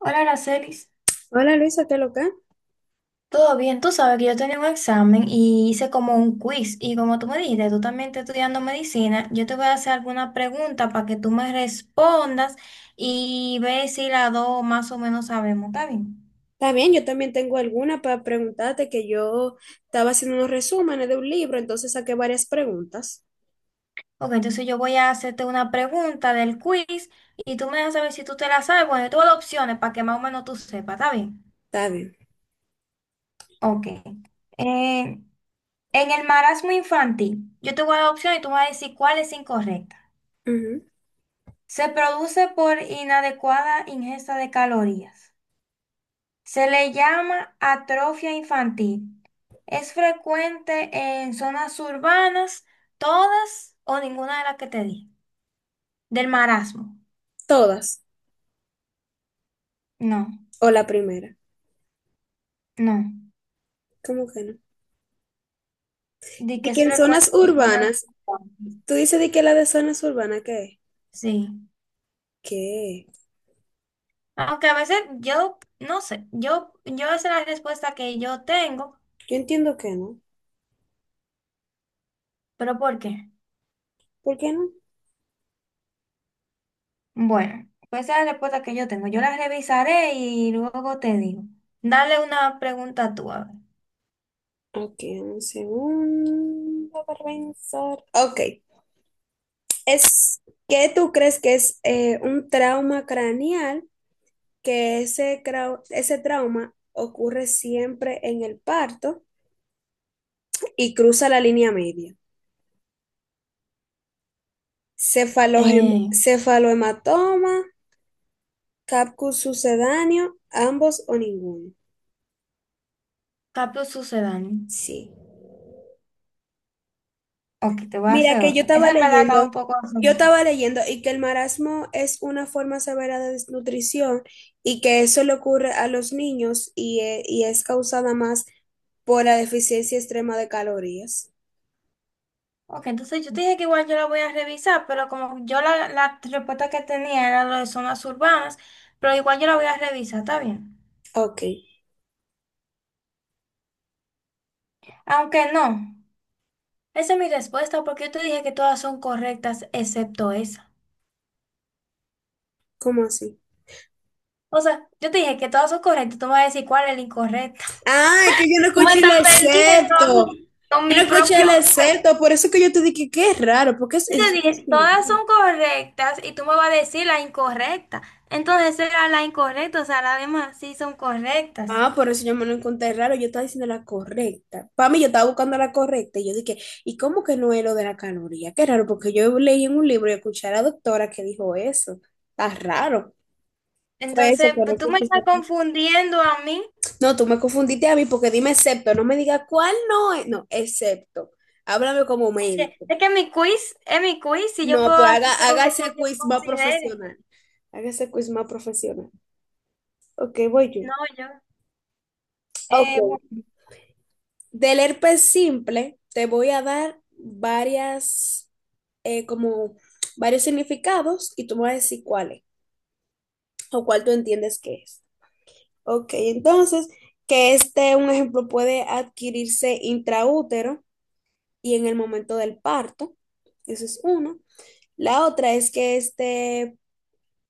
Hola, Aracelis. Hola Luisa, ¿qué loca? Todo bien, tú sabes que yo tenía un examen y hice como un quiz. Y como tú me dijiste, tú también estás estudiando medicina, yo te voy a hacer alguna pregunta para que tú me respondas y ve si las dos más o menos sabemos. ¿Está bien? Está bien, yo también tengo alguna para preguntarte que yo estaba haciendo unos resúmenes de un libro, entonces saqué varias preguntas. Ok, entonces yo voy a hacerte una pregunta del quiz y tú me dejas saber si tú te la sabes. Bueno, yo tengo las opciones para que más o menos tú sepas. ¿Está bien? Está bien. Ok. Eh, en el marasmo infantil, yo te voy a dar opciones y tú me vas a decir cuál es incorrecta. Ujú. Se produce por inadecuada ingesta de calorías. Se le llama atrofia infantil. Es frecuente en zonas urbanas, todas o ninguna de las que te di. Del marasmo. Todas. No, O la primera. no. ¿Cómo que no? Di que Y que es en zonas frecuente en zonas urbanas, urbanas. tú dices de que la de zonas urbanas, ¿qué es? Sí. ¿Qué? Aunque a veces yo, no sé, yo esa es la respuesta que yo tengo, Yo entiendo que no. pero ¿por qué? ¿Por qué no? Bueno, pues esa es la respuesta que yo tengo. Yo la revisaré y luego te digo. Dale una pregunta tú, a ver. Ok, un segundo para pensar. Ok, es, ¿qué tú crees que es un trauma craneal que ese, ese trauma ocurre siempre en el parto y cruza la línea media. Eh, Cefalohematoma, capcus sucedáneo, ambos o ninguno. cambio sucedáneo. Sí. Ok, te voy a Mira hacer que otra. Esa en verdad estaba un poco yo sencilla. estaba leyendo y que el marasmo es una forma severa de desnutrición y que eso le ocurre a los niños y es causada más por la deficiencia extrema de calorías. Ok, entonces yo te dije que igual yo la voy a revisar, pero como yo la respuesta que tenía era lo de zonas urbanas, pero igual yo la voy a revisar, ¿está bien? Ok, Aunque no. Esa es mi respuesta porque yo te dije que todas son correctas excepto esa. ¿cómo así? O sea, yo te dije que todas son correctas, tú me vas a decir cuál es el incorrecto. Ah, es que yo no Tú me escuché el estás perdiendo a excepto. con Yo mi no escuché propio el juez. excepto. Por eso que yo te dije que es raro, porque es, Yo te es- dije, todas son correctas y tú me vas a decir la incorrecta. Entonces era la incorrecta, o sea, las demás sí son correctas. Ah, por eso yo me lo encontré raro. Yo estaba diciendo la correcta. Para mí, yo estaba buscando la correcta. Y yo dije, ¿y cómo que no es lo de la caloría? Qué raro, porque yo leí en un libro y escuché a la doctora que dijo eso. Está raro. Fue eso Entonces, que no pues, tú me escuché. estás Esa... confundiendo a mí. No, tú me confundiste a mí porque dime excepto. No me digas cuál no es. No, excepto. Háblame como médico. Es que mi quiz es mi quiz y yo No, puedo pues haga, hacértelo haga como ese yo quiz más considere. profesional. Haga ese quiz más profesional. Ok, voy yo. No, yo. Ok. Bueno. Del herpes simple, te voy a dar varias, como varios significados y tú me vas a decir cuál es o cuál tú entiendes que es. Ok, entonces, que este, un ejemplo, puede adquirirse intraútero y en el momento del parto. Eso es uno. La otra es que este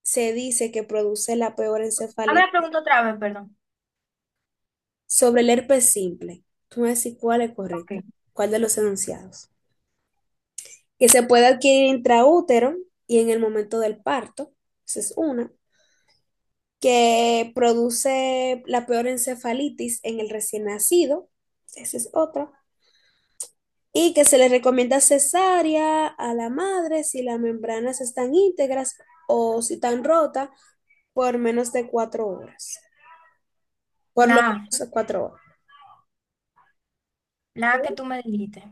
se dice que produce la peor A ver, encefalitis. pregunto otra vez, perdón. Sobre el herpes simple, tú me decís cuál es correcta, Ok. cuál de los enunciados. Que se puede adquirir intraútero y en el momento del parto, esa es una. Que produce la peor encefalitis en el recién nacido, esa es otra. Y que se le recomienda cesárea a la madre si las membranas están íntegras o si están rotas por menos de cuatro horas. Por lo La A, menos cuatro horas. la A que tú me dijiste.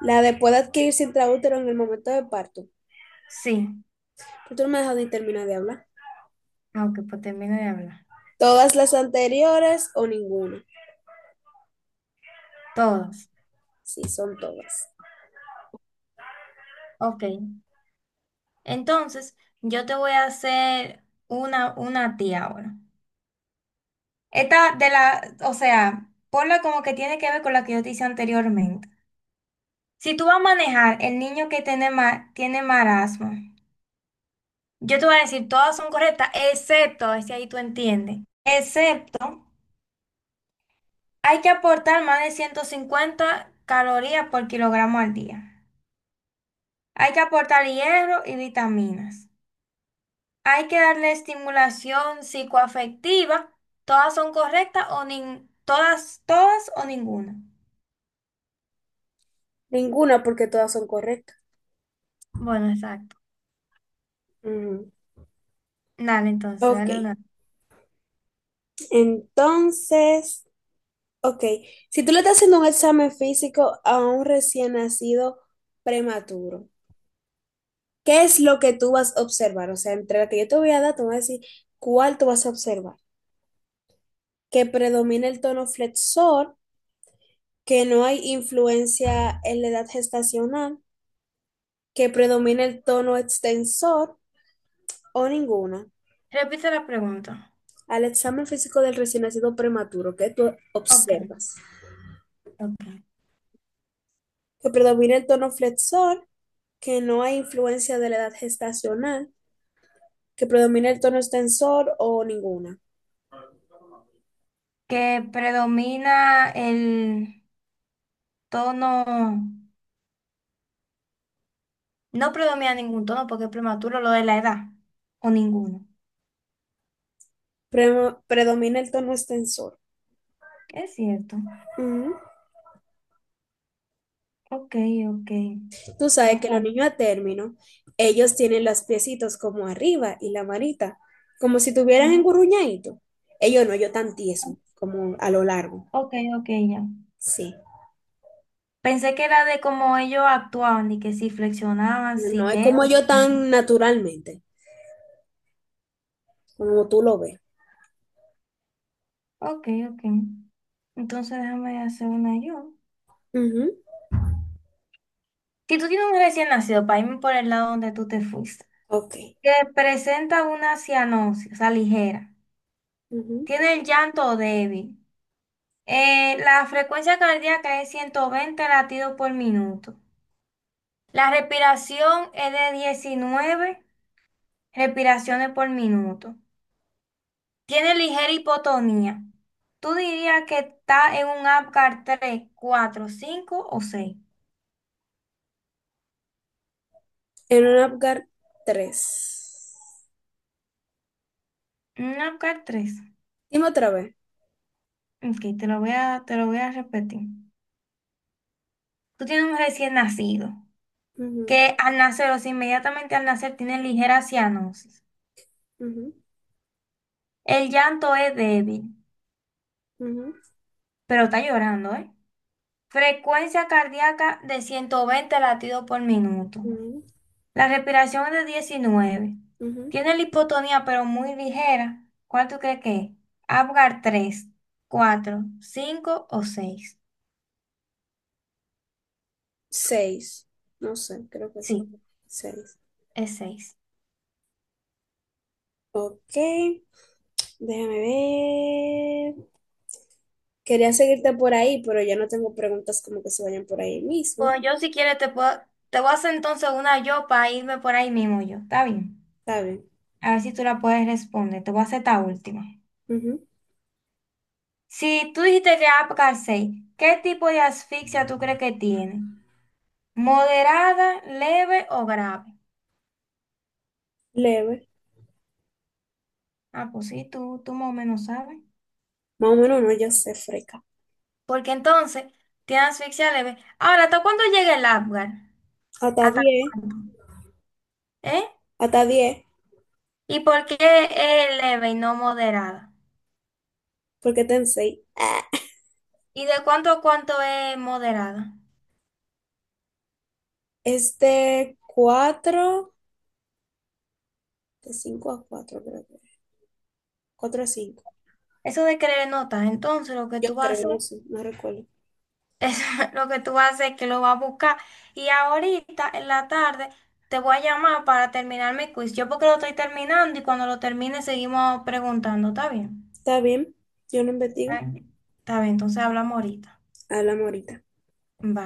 La de puede adquirirse intraútero en el momento del parto. Sí. Pero tú no me has dejado ni terminar de hablar. Ah, ok, pues termino de hablar. Todas las anteriores o ninguna. Todos. Sí, son todas. Ok. Entonces, yo te voy a hacer una a ti ahora. Esta de la, o sea, ponla como que tiene que ver con la que yo te hice anteriormente. Si tú vas a manejar el niño que tiene, tiene marasmo, yo te voy a decir, todas son correctas, excepto, ese ahí tú entiendes, excepto, hay que aportar más de 150 calorías por kilogramo al día. Hay que aportar hierro y vitaminas. Hay que darle estimulación psicoafectiva. Todas son correctas o todas, todas o ninguna. Ninguna porque todas son correctas. Bueno, exacto. Ujú. Dale, entonces, Ok, dale una. entonces, ok, si tú le estás haciendo un examen físico a un recién nacido prematuro, ¿qué es lo que tú vas a observar? O sea, entre la que yo te voy a dar, tú vas a decir cuál tú vas a observar. Que predomina el tono flexor, que no hay influencia en la edad gestacional, que predomina el tono extensor, o ninguna, Repite la pregunta. al examen físico del recién nacido prematuro que tú Ok, observas, ok. que predomina el tono flexor, que no hay influencia de la edad gestacional, que predomina el tono extensor o ninguna. Que predomina el tono. No predomina ningún tono porque es prematuro lo de la edad. O ninguno. Predomina el tono extensor. Es cierto. Ujú. Ok, ok. Tú sabes Vamos que los a- niños a término, ellos tienen los piecitos como arriba y la manita, como si tuvieran Ujú. engurruñadito. Ellos no, ellos tan tieso, como a lo largo. Ok, ok, ya. Sí. Pensé que era de cómo ellos actuaban y que si flexionaban, si No es que como esto, si yo lo otro. tan naturalmente, como tú lo ves. Ok, ok. Entonces déjame hacer una yo. Ujú. Si tú tienes un recién nacido, para irme por el lado donde tú te fuiste, Ok. que presenta una cianosis, o sea, ligera, Ujú. tiene el llanto débil, la frecuencia cardíaca es 120 latidos por minuto, la respiración es de 19 respiraciones por minuto. Tiene ligera hipotonía. ¿Tú dirías que está en un Apgar 3, 4, 5 o 6? En un Apgar tres. Un Apgar 3. Dime otra vez. Ok, te lo voy a repetir. Tú tienes un recién nacido Ujú, que al nacer o sea, inmediatamente al nacer tiene ligera cianosis. ujú, El llanto es débil, ujú, pero está llorando, ¿eh? Frecuencia cardíaca de 120 latidos por minuto. ujú, La respiración es de 19. ujú. Tiene la hipotonía, pero muy ligera. ¿Cuál tú crees que es? Apgar 3, 4, 5 o 6. Seis. No sé, creo que sí. Sí, Seis. es seis. Ok. Déjame ver. Quería seguirte por ahí, pero ya no tengo preguntas como que se vayan por ahí mismo. Bueno, yo si quieres te puedo, te voy a hacer entonces una yo para irme por ahí mismo yo. ¿Está bien? Está bien. A ver si tú la puedes responder. Te voy a hacer esta última. Ujú. Si tú dijiste que Apgar seis, ¿qué tipo de asfixia tú crees que tiene? ¿Moderada, leve o grave? Leve. Ah, pues sí, tú más o menos sabes. Más o menos no, yo sé, freca. Porque entonces tiene asfixia leve. Ahora, ¿hasta cuándo llega el Apgar? Hasta ¿Hasta diez. cuándo? ¿Eh? Hasta diez. ¿Y por qué es leve y no moderada? Porque ten seis. Ah, ¿Y de cuánto a cuánto es moderada? este cuatro. De 5 a 4 creo que. 4 a cinco. Eso de querer notas, entonces lo que Yo tú vas a creo, hacer no sé, no recuerdo. es lo que tú vas a hacer es que lo vas a buscar. Y ahorita en la tarde te voy a llamar para terminar mi quiz. Yo porque lo estoy terminando y cuando lo termine seguimos preguntando, ¿está bien? Está bien, yo no Está investigo. bien, está bien, entonces hablamos ahorita. Hablamos ahorita. Bye.